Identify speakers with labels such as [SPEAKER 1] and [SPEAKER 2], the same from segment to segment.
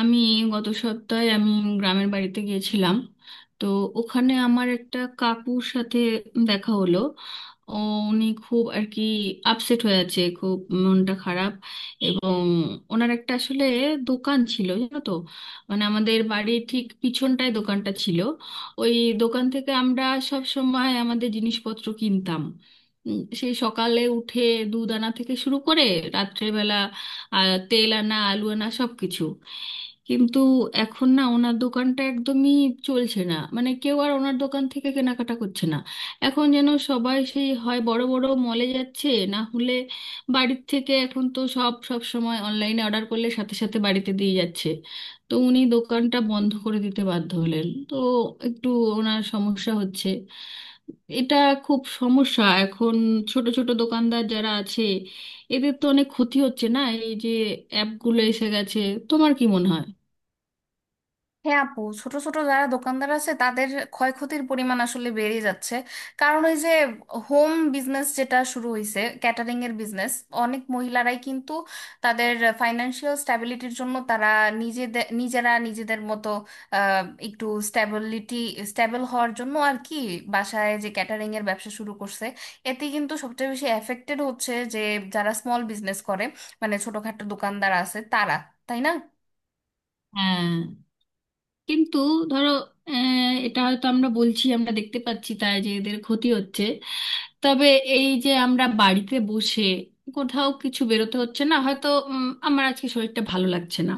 [SPEAKER 1] আমি গত সপ্তাহে আমি গ্রামের বাড়িতে গিয়েছিলাম। তো ওখানে আমার একটা কাকুর সাথে দেখা হলো। ও উনি খুব আর কি আপসেট হয়ে আছে, খুব মনটা খারাপ। এবং ওনার একটা আসলে দোকান ছিল, জানো তো, মানে আমাদের বাড়ির ঠিক পিছনটায় দোকানটা ছিল। ওই দোকান থেকে আমরা সব সময় আমাদের জিনিসপত্র কিনতাম। সেই সকালে উঠে দুধ আনা থেকে শুরু করে রাত্রেবেলা তেল আনা, আলু আনা, সব কিছু। কিন্তু এখন না ওনার দোকানটা একদমই চলছে না, মানে কেউ আর ওনার দোকান থেকে কেনাকাটা করছে না। এখন যেন সবাই সেই হয় বড় বড় মলে যাচ্ছে, না হলে বাড়ির থেকে এখন তো সব সব সময় অনলাইনে অর্ডার করলে সাথে সাথে বাড়িতে দিয়ে যাচ্ছে। তো উনি দোকানটা বন্ধ করে দিতে বাধ্য হলেন। তো একটু ওনার সমস্যা হচ্ছে এটা, খুব সমস্যা এখন। ছোট ছোট দোকানদার যারা আছে, এদের তো অনেক ক্ষতি হচ্ছে না এই যে অ্যাপগুলো এসে গেছে। তোমার কি মনে হয়?
[SPEAKER 2] হ্যাঁ আপু, ছোট ছোট যারা দোকানদার আছে তাদের ক্ষয়ক্ষতির পরিমাণ আসলে বেড়ে যাচ্ছে। কারণ ওই যে, হোম বিজনেস যেটা শুরু হয়েছে, ক্যাটারিং এর বিজনেস, অনেক মহিলারাই কিন্তু তাদের ফাইন্যান্সিয়াল স্ট্যাবিলিটির জন্য তারা নিজেরা নিজেদের মতো আহ, একটু স্ট্যাবল হওয়ার জন্য আর কি বাসায় যে ক্যাটারিং এর ব্যবসা শুরু করছে, এতে কিন্তু সবচেয়ে বেশি এফেক্টেড হচ্ছে যে যারা স্মল বিজনেস করে, মানে ছোটখাটো দোকানদার আছে তারা, তাই না?
[SPEAKER 1] হ্যাঁ, কিন্তু ধরো, এটা হয়তো আমরা বলছি, আমরা দেখতে পাচ্ছি তাই যে এদের ক্ষতি হচ্ছে। তবে এই যে আমরা বাড়িতে বসে, কোথাও কিছু বেরোতে হচ্ছে না, হয়তো আমার আজকে শরীরটা ভালো লাগছে না,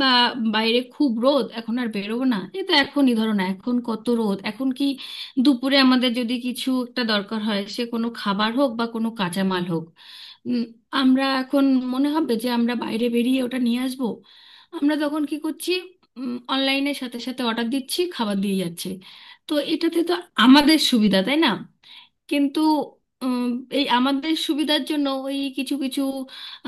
[SPEAKER 1] বা বাইরে খুব রোদ, এখন আর বেরোবো না, এ তো এখনই ধরো না এখন কত রোদ। এখন কি দুপুরে আমাদের যদি কিছু একটা দরকার হয়, সে কোনো খাবার হোক বা কোনো কাঁচামাল হোক, উম, আমরা এখন মনে হবে যে আমরা বাইরে বেরিয়ে ওটা নিয়ে আসবো। আমরা তখন কি করছি? অনলাইনের সাথে সাথে অর্ডার দিচ্ছি, খাবার দিয়ে যাচ্ছে। তো এটাতে তো আমাদের সুবিধা, তাই না? কিন্তু উম, এই আমাদের সুবিধার জন্য ওই কিছু কিছু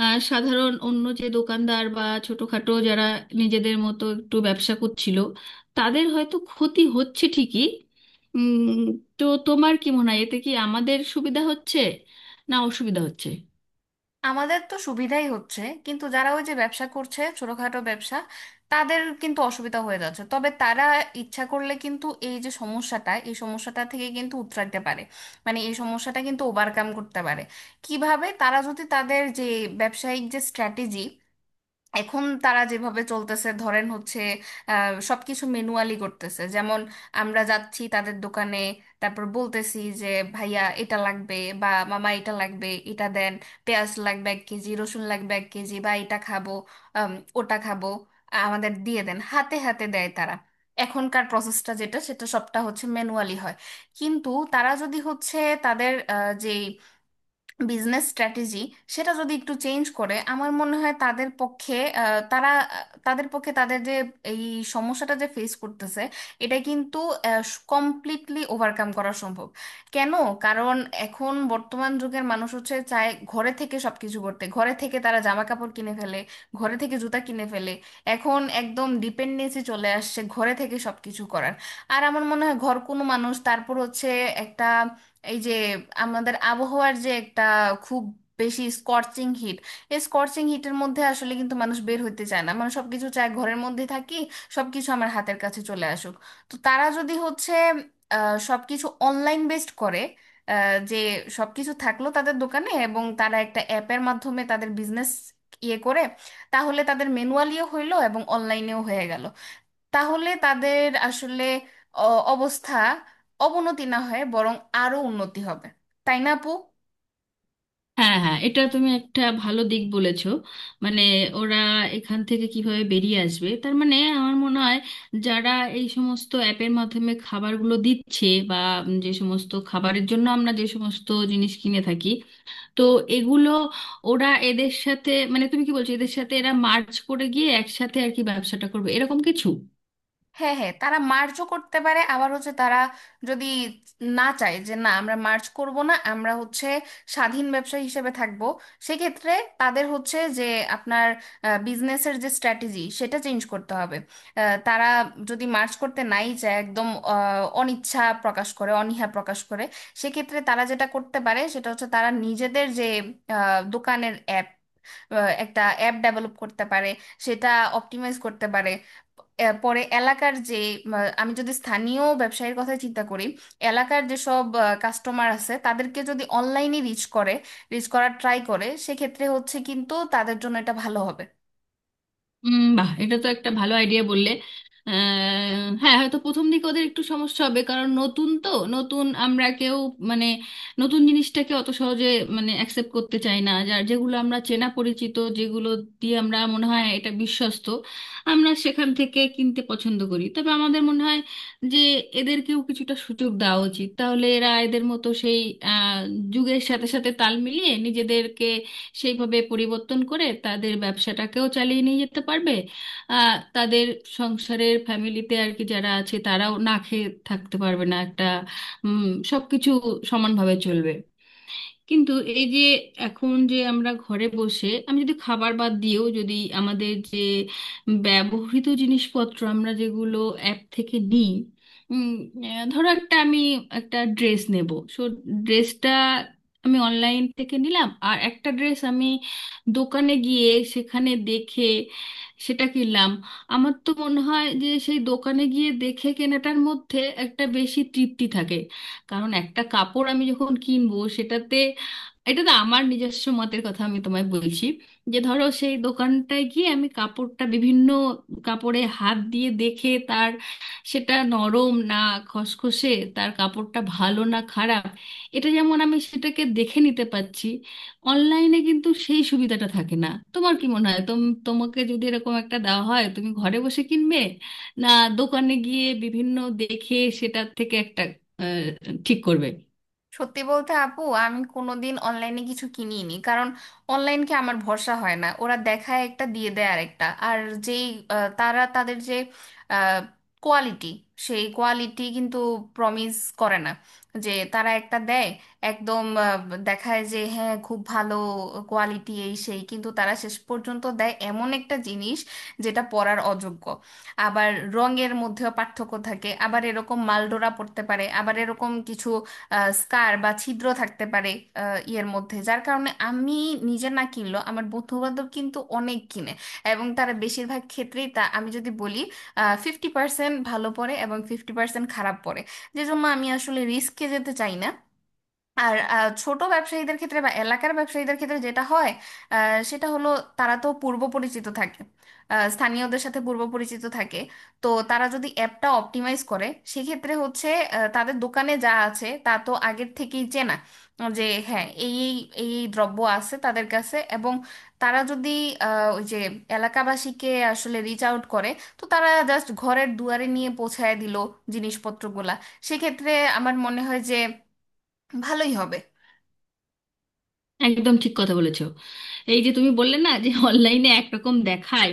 [SPEAKER 1] সাধারণ অন্য যে দোকানদার বা ছোটখাটো যারা নিজেদের মতো একটু ব্যবসা করছিল, তাদের হয়তো ক্ষতি হচ্ছে ঠিকই। উম, তো তোমার কি মনে হয় এতে কি আমাদের সুবিধা হচ্ছে না অসুবিধা হচ্ছে?
[SPEAKER 2] আমাদের তো সুবিধাই হচ্ছে, কিন্তু যারা ওই যে ব্যবসা করছে ছোটখাটো ব্যবসা, তাদের কিন্তু অসুবিধা হয়ে যাচ্ছে। তবে তারা ইচ্ছা করলে কিন্তু এই যে সমস্যাটা, এই সমস্যাটা থেকে কিন্তু উতরাইতে পারে। মানে এই সমস্যাটা কিন্তু ওভারকাম করতে পারে। কিভাবে? তারা যদি তাদের যে ব্যবসায়িক যে স্ট্র্যাটেজি, এখন তারা যেভাবে চলতেছে ধরেন হচ্ছে সবকিছু ম্যানুয়ালি করতেছে। যেমন আমরা যাচ্ছি তাদের দোকানে, তারপর বলতেছি যে ভাইয়া এটা লাগবে, বা মামা এটা লাগবে এটা দেন, পেঁয়াজ লাগবে 1 কেজি, রসুন লাগবে 1 কেজি, বা এটা খাবো আম, ওটা খাবো আমাদের দিয়ে দেন, হাতে হাতে দেয় তারা। এখনকার প্রসেসটা যেটা সেটা সবটা হচ্ছে ম্যানুয়ালি হয়। কিন্তু তারা যদি হচ্ছে তাদের যে বিজনেস স্ট্র্যাটেজি সেটা যদি একটু চেঞ্জ করে, আমার মনে হয় তাদের পক্ষে তাদের পক্ষে তাদের যে এই সমস্যাটা যে ফেস করতেছে এটা কিন্তু কমপ্লিটলি ওভারকাম করা সম্ভব। কেন? কারণ এখন বর্তমান যুগের মানুষ হচ্ছে চায় ঘরে থেকে সবকিছু করতে, ঘরে থেকে তারা জামা কাপড় কিনে ফেলে, ঘরে থেকে জুতা কিনে ফেলে। এখন একদম ডিপেন্ডেন্সি চলে আসছে ঘরে থেকে সবকিছু করার। আর আমার মনে হয় ঘর কোনো মানুষ তারপর হচ্ছে একটা এই যে আমাদের আবহাওয়ার যে একটা খুব বেশি স্কর্চিং হিট, এই স্কর্চিং হিটের মধ্যে আসলে কিন্তু মানুষ বের হইতে চায় না। মানে সবকিছু চায় ঘরের মধ্যে থাকি, সবকিছু আমার হাতের কাছে চলে আসুক। তো তারা যদি হচ্ছে সবকিছু অনলাইন বেসড করে, যে সবকিছু থাকলো তাদের দোকানে এবং তারা একটা অ্যাপের মাধ্যমে তাদের বিজনেস ইয়ে করে, তাহলে তাদের ম্যানুয়ালিও হইলো এবং অনলাইনেও হয়ে গেল। তাহলে তাদের আসলে অবস্থা অবনতি না হয়ে বরং আরো উন্নতি হবে, তাই না আপু?
[SPEAKER 1] হ্যাঁ, হ্যাঁ, এটা তুমি একটা ভালো দিক বলেছো। মানে ওরা এখান থেকে কিভাবে বেরিয়ে আসবে, তার মানে আমার মনে হয় যারা এই সমস্ত অ্যাপের মাধ্যমে খাবারগুলো দিচ্ছে, বা উম যে সমস্ত খাবারের জন্য আমরা যে সমস্ত জিনিস কিনে থাকি, তো এগুলো ওরা এদের সাথে, মানে তুমি কি বলছো এদের সাথে এরা মার্চ করে গিয়ে একসাথে আর কি ব্যবসাটা করবে, এরকম কিছু?
[SPEAKER 2] হ্যাঁ হ্যাঁ, তারা মার্চও করতে পারে, আবার হচ্ছে তারা যদি না চায় যে না আমরা মার্চ করব না, আমরা হচ্ছে স্বাধীন ব্যবসায়ী হিসেবে থাকব, সেক্ষেত্রে তাদের হচ্ছে যে আপনার বিজনেসের যে স্ট্র্যাটেজি সেটা চেঞ্জ করতে হবে। তারা যদি মার্চ করতে নাই চায় একদম, অনিচ্ছা প্রকাশ করে, অনীহা প্রকাশ করে, সেক্ষেত্রে তারা যেটা করতে পারে সেটা হচ্ছে তারা নিজেদের যে আহ, দোকানের অ্যাপ আহ, একটা অ্যাপ ডেভেলপ করতে পারে, সেটা অপটিমাইজ করতে পারে। এর পরে এলাকার যে আমি যদি স্থানীয় ব্যবসায়ীর কথা চিন্তা করি, এলাকার যেসব কাস্টমার আছে তাদেরকে যদি অনলাইনে রিচ করে, রিচ করার ট্রাই করে, সেক্ষেত্রে হচ্ছে কিন্তু তাদের জন্য এটা ভালো হবে।
[SPEAKER 1] উম, বাহ, এটা তো একটা ভালো আইডিয়া বললে। হ্যাঁ, হয়তো প্রথম দিকে ওদের একটু সমস্যা হবে, কারণ নতুন তো। নতুন আমরা কেউ মানে নতুন জিনিসটাকে অত সহজে মানে অ্যাকসেপ্ট করতে চাই না, যার যেগুলো আমরা চেনা পরিচিত, যেগুলো দিয়ে আমরা মনে হয় এটা বিশ্বস্ত, আমরা সেখান থেকে কিনতে পছন্দ করি। তবে আমাদের মনে হয় যে এদেরকেও কিছুটা সুযোগ দেওয়া উচিত, তাহলে এরা এদের মতো সেই আহ, যুগের সাথে সাথে তাল মিলিয়ে নিজেদেরকে সেইভাবে পরিবর্তন করে তাদের ব্যবসাটাকেও চালিয়ে নিয়ে যেতে পারবে। তাদের সংসারের ফ্যামিলিতে আর কি যারা আছে তারাও না খেয়ে থাকতে পারবে না, একটা সব কিছু সমানভাবে চলবে। কিন্তু এই যে এখন যে আমরা ঘরে বসে আমি যদি খাবার বাদ দিয়েও, যদি আমাদের যে ব্যবহৃত জিনিসপত্র আমরা যেগুলো অ্যাপ থেকে নিই, উম, ধরো একটা আমি একটা ড্রেস নেব, সো ড্রেসটা আমি অনলাইন থেকে নিলাম, আর একটা ড্রেস আমি দোকানে গিয়ে সেখানে দেখে সেটা কিনলাম। আমার তো মনে হয় যে সেই দোকানে গিয়ে দেখে কেনাটার মধ্যে একটা বেশি তৃপ্তি থাকে। কারণ একটা কাপড় আমি যখন কিনবো সেটাতে, এটা না আমার নিজস্ব মতের কথা আমি তোমায় বলছি, যে ধরো সেই দোকানটায় গিয়ে আমি কাপড়টা বিভিন্ন কাপড়ে হাত দিয়ে দেখে তার, সেটা নরম না খসখসে, তার কাপড়টা ভালো না খারাপ, এটা যেমন আমি সেটাকে দেখে নিতে পারছি, অনলাইনে কিন্তু সেই সুবিধাটা থাকে না। তোমার কি মনে হয়, তোমাকে যদি এরকম একটা দেওয়া হয় তুমি ঘরে বসে কিনবে, না দোকানে গিয়ে বিভিন্ন দেখে সেটা থেকে একটা আহ, ঠিক করবে?
[SPEAKER 2] সত্যি বলতে আপু, আমি কোনোদিন অনলাইনে কিছু কিনিনি। কারণ অনলাইনকে আমার ভরসা হয় না, ওরা দেখায় একটা দিয়ে দেয় আরেকটা। আর যেই তারা তাদের যে কোয়ালিটি, সেই কোয়ালিটি কিন্তু প্রমিস করে না। যে তারা একটা দেয় একদম, দেখায় যে হ্যাঁ খুব ভালো কোয়ালিটি এই সেই, কিন্তু তারা শেষ পর্যন্ত দেয় এমন একটা জিনিস যেটা পরার অযোগ্য। আবার রঙের মধ্যেও পার্থক্য থাকে, আবার এরকম মালডোরা পড়তে পারে, আবার এরকম কিছু স্কার বা ছিদ্র থাকতে পারে ইয়ের মধ্যে। যার কারণে আমি নিজে না কিনলেও আমার বন্ধু বান্ধব কিন্তু অনেক কিনে, এবং তারা বেশিরভাগ ক্ষেত্রেই তা আমি যদি বলি 50% ভালো পড়ে এবং 50% খারাপ পড়ে। যে জন্য আমি আসলে রিস্কে যেতে চাই না। আর ছোট ব্যবসায়ীদের ক্ষেত্রে বা এলাকার ব্যবসায়ীদের ক্ষেত্রে যেটা হয় আহ, সেটা হলো তারা তো পূর্ব পরিচিত থাকে, স্থানীয়দের সাথে পূর্ব পরিচিত থাকে। তো তারা যদি অ্যাপটা অপটিমাইজ করে সেক্ষেত্রে হচ্ছে তাদের দোকানে যা আছে তা তো আগের থেকেই চেনা, যে হ্যাঁ এই এই এই এই দ্রব্য আছে তাদের কাছে। এবং তারা যদি ওই যে এলাকাবাসীকে আসলে রিচ আউট করে, তো তারা জাস্ট ঘরের দুয়ারে নিয়ে পৌঁছায় দিল জিনিসপত্রগুলা, সেক্ষেত্রে আমার মনে হয় যে ভালোই হবে।
[SPEAKER 1] একদম ঠিক কথা বলেছো। এই যে তুমি বললে না যে অনলাইনে একরকম দেখায়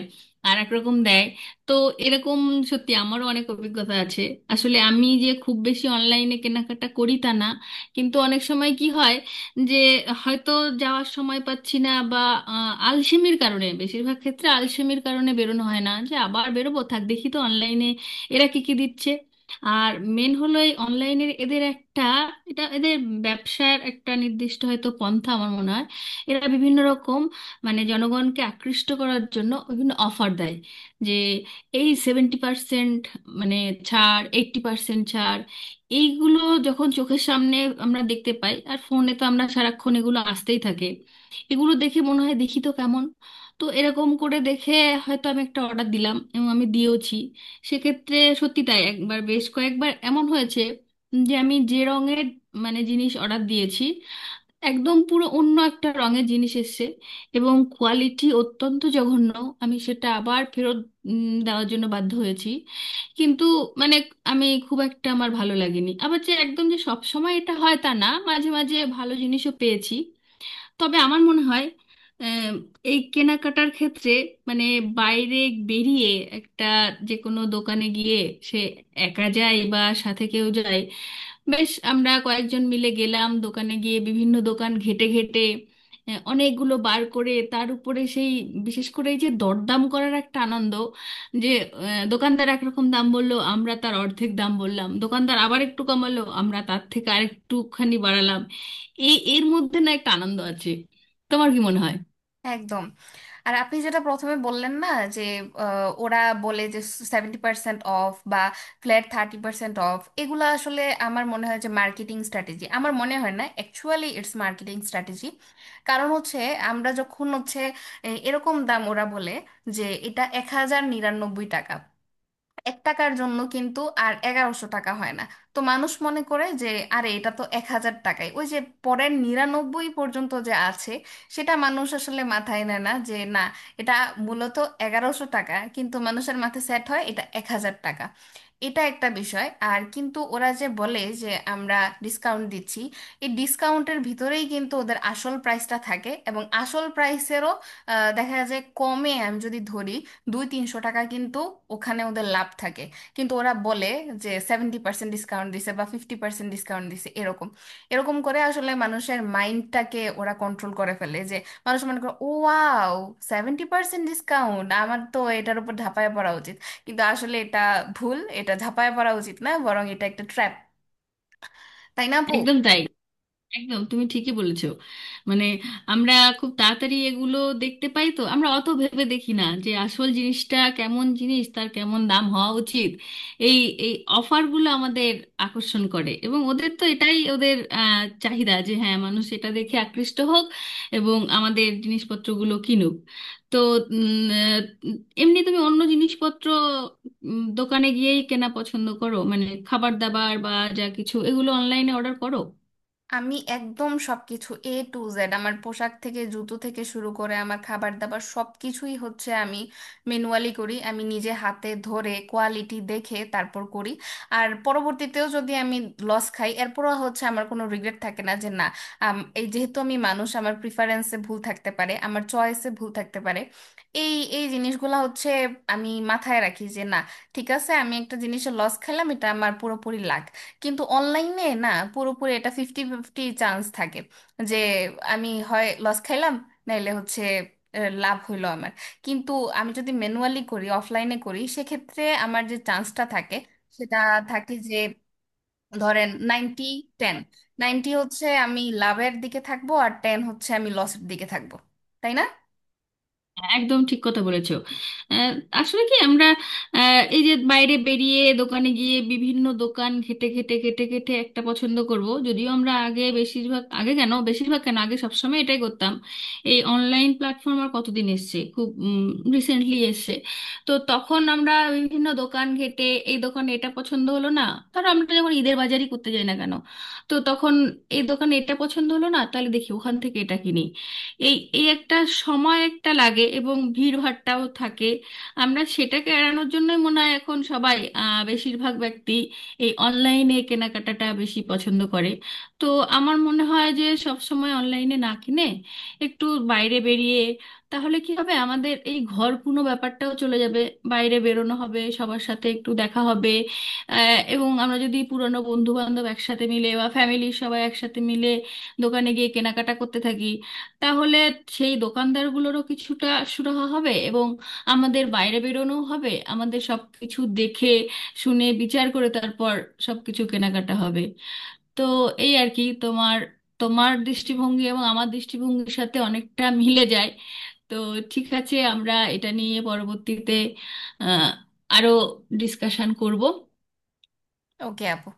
[SPEAKER 1] আর একরকম দেয়, তো এরকম সত্যি আমারও অনেক অভিজ্ঞতা আছে। আসলে আমি যে খুব বেশি অনলাইনে কেনাকাটা করি তা না, কিন্তু অনেক সময় কি হয় যে হয়তো যাওয়ার সময় পাচ্ছি না, বা আলসেমির কারণে, বেশিরভাগ ক্ষেত্রে আলসেমির কারণে বেরোনো হয় না, যে আবার বেরোবো, থাক দেখি তো অনলাইনে এরা কি কি দিচ্ছে। আর মেন হলো এই অনলাইনের এদের একটা, এটা এদের ব্যবসার একটা নির্দিষ্ট হয়তো পন্থা আমার মনে হয়। এরা বিভিন্ন রকম মানে জনগণকে আকৃষ্ট করার জন্য বিভিন্ন অফার দেয়, যে এই 70% মানে ছাড়, 80% ছাড়। এইগুলো যখন চোখের সামনে আমরা দেখতে পাই, আর ফোনে তো আমরা সারাক্ষণ এগুলো আসতেই থাকে, এগুলো দেখে মনে হয় দেখি তো কেমন। তো এরকম করে দেখে হয়তো আমি একটা অর্ডার দিলাম, এবং আমি দিয়েওছি। সেক্ষেত্রে সত্যি তাই, একবার বেশ কয়েকবার এমন হয়েছে যে আমি যে রঙের মানে জিনিস অর্ডার দিয়েছি, একদম পুরো অন্য একটা রঙের জিনিস এসেছে, এবং কোয়ালিটি অত্যন্ত জঘন্য। আমি সেটা আবার ফেরত দেওয়ার জন্য বাধ্য হয়েছি। কিন্তু মানে আমি খুব একটা, আমার ভালো লাগেনি। আবার যে একদম যে সব সময় এটা হয় তা না, মাঝে মাঝে ভালো জিনিসও পেয়েছি। তবে আমার মনে হয় আহ, এই কেনাকাটার ক্ষেত্রে মানে বাইরে বেরিয়ে একটা যে কোনো দোকানে গিয়ে, সে একা যায় বা সাথে কেউ যায়, বেশ আমরা কয়েকজন মিলে গেলাম দোকানে গিয়ে বিভিন্ন দোকান ঘেটে ঘেটে অনেকগুলো বার করে, তার উপরে সেই বিশেষ করে এই যে দরদাম করার একটা আনন্দ, যে দোকানদার একরকম দাম বললো, আমরা তার অর্ধেক দাম বললাম, দোকানদার আবার একটু কমালো, আমরা তার থেকে আরেকটুখানি বাড়ালাম, এই এর মধ্যে না একটা আনন্দ আছে। তোমার কি মনে হয়?
[SPEAKER 2] একদম। আর আপনি যেটা প্রথমে বললেন না, যে ওরা বলে যে 70% অফ বা ফ্ল্যাট 30% অফ, এগুলো আসলে আমার মনে হয় যে মার্কেটিং স্ট্র্যাটেজি, আমার মনে হয় না অ্যাকচুয়ালি ইটস মার্কেটিং স্ট্র্যাটেজি। কারণ হচ্ছে আমরা যখন হচ্ছে এরকম দাম ওরা বলে, যে এটা 1099 টাকা, এক টাকার জন্য কিন্তু আর 1100 টাকা হয় না। তো মানুষ মনে করে যে আরে এটা তো 1000 টাকায়, ওই যে পরের 99 পর্যন্ত যে আছে সেটা মানুষ আসলে মাথায় নেয় না। যে না, এটা মূলত 1100 টাকা, কিন্তু মানুষের মাথায় সেট হয় এটা 1000 টাকা। এটা একটা বিষয়। আর কিন্তু ওরা যে বলে যে আমরা ডিসকাউন্ট দিচ্ছি, এই ডিসকাউন্টের ভিতরেই কিন্তু ওদের আসল প্রাইসটা থাকে, এবং আসল প্রাইসেরও দেখা যায় কমে, আমি যদি ধরি 2-300 টাকা কিন্তু ওখানে ওদের লাভ থাকে। কিন্তু ওরা বলে যে সেভেন্টি পার্সেন্ট ডিসকাউন্ট দিছে বা 50% ডিসকাউন্ট দিছে, এরকম এরকম করে আসলে মানুষের মাইন্ডটাকে ওরা কন্ট্রোল করে ফেলে। যে মানুষ মনে করে ও ওয়াও, 70% ডিসকাউন্ট, আমার তো এটার উপর ঝাঁপায় পড়া উচিত। কিন্তু আসলে এটা ভুল, এটা ঝাঁপায় পড়া উচিত না, বরং এটা একটা ট্র্যাপ, তাই না আপু?
[SPEAKER 1] একদম তাই, একদম তুমি ঠিকই বলেছো। মানে আমরা খুব তাড়াতাড়ি এগুলো দেখতে পাই, তো আমরা অত ভেবে দেখি না যে আসল জিনিসটা কেমন জিনিস, তার কেমন দাম হওয়া উচিত। এই এই অফারগুলো আমাদের আকর্ষণ করে, এবং ওদের তো এটাই ওদের চাহিদা, যে হ্যাঁ মানুষ এটা দেখে আকৃষ্ট হোক এবং আমাদের জিনিসপত্রগুলো কিনুক। তো উম, আহ, এমনি তুমি অন্য জিনিসপত্র দোকানে গিয়েই কেনা পছন্দ করো, মানে খাবার দাবার বা যা কিছু, এগুলো অনলাইনে অর্ডার করো?
[SPEAKER 2] আমি একদম সবকিছু A to Z, আমার পোশাক থেকে জুতো থেকে শুরু করে আমার খাবার দাবার সবকিছুই হচ্ছে আমি ম্যানুয়ালি করি, আমি নিজে হাতে ধরে কোয়ালিটি দেখে তারপর করি। আর পরবর্তীতেও যদি আমি লস খাই, এরপরও হচ্ছে আমার কোনো রিগ্রেট থাকে না। যে না এই যেহেতু আমি মানুষ, আমার প্রিফারেন্সে ভুল থাকতে পারে, আমার চয়েসে ভুল থাকতে পারে, এই এই জিনিসগুলো হচ্ছে আমি মাথায় রাখি। যে না, ঠিক আছে, আমি একটা জিনিসে লস খেলাম, এটা আমার পুরোপুরি লাগ। কিন্তু অনলাইনে না পুরোপুরি, এটা 50-50 চান্স থাকে, যে আমি হয় লস খাইলাম, নাইলে হচ্ছে লাভ হইলো আমার। কিন্তু আমি যদি ম্যানুয়ালি করি, অফলাইনে করি, সেক্ষেত্রে আমার যে চান্সটা থাকে সেটা থাকে যে ধরেন 90-10, 90 হচ্ছে আমি লাভের দিকে থাকবো, আর 10 হচ্ছে আমি লসের দিকে থাকবো, তাই না?
[SPEAKER 1] একদম ঠিক কথা বলেছো। আহ, আসলে কি আমরা এই যে বাইরে বেরিয়ে দোকানে গিয়ে বিভিন্ন দোকান খেটে খেটে খেটে খেটে একটা পছন্দ করব, যদিও আমরা আগে বেশিরভাগ আগে কেন বেশিরভাগ কেন আগে সবসময় এটাই করতাম। এই অনলাইন প্ল্যাটফর্ম আর কতদিন এসছে, খুব রিসেন্টলি এসছে। তো তখন আমরা বিভিন্ন দোকান ঘেটে, এই দোকানে এটা পছন্দ হলো না, ধরো আমরা যখন ঈদের বাজারই করতে যাই না কেন, তো তখন এই দোকানে এটা পছন্দ হলো না, তাহলে দেখি ওখান থেকে এটা কিনি, এই এই একটা সময় একটা লাগে এবং ভিড়ভাট্টাও থাকে। আমরা সেটাকে এড়ানোর জন্যই মনে হয় এখন সবাই বেশিরভাগ ব্যক্তি এই অনলাইনে কেনাকাটাটা বেশি পছন্দ করে। তো আমার মনে হয় যে সব সময় অনলাইনে না কিনে, একটু বাইরে বেরিয়ে, তাহলে কি হবে আমাদের এই ঘরকুনো ব্যাপারটাও চলে যাবে, বাইরে বেরোনো হবে, সবার সাথে একটু দেখা হবে। এবং আমরা যদি পুরনো বন্ধু বান্ধব একসাথে মিলে বা ফ্যামিলির সবাই একসাথে মিলে দোকানে গিয়ে কেনাকাটা করতে থাকি, তাহলে সেই দোকানদারগুলোরও কিছুটা সুরাহা হবে, এবং আমাদের বাইরে বেরোনো হবে, আমাদের সব কিছু দেখে শুনে বিচার করে তারপর সব কিছু কেনাকাটা হবে। তো এই আর কি, তোমার তোমার দৃষ্টিভঙ্গি এবং আমার দৃষ্টিভঙ্গির সাথে অনেকটা মিলে যায়। তো ঠিক আছে, আমরা এটা নিয়ে পরবর্তীতে আহ আরো ডিসকাশন করব।
[SPEAKER 2] ওকে আপু।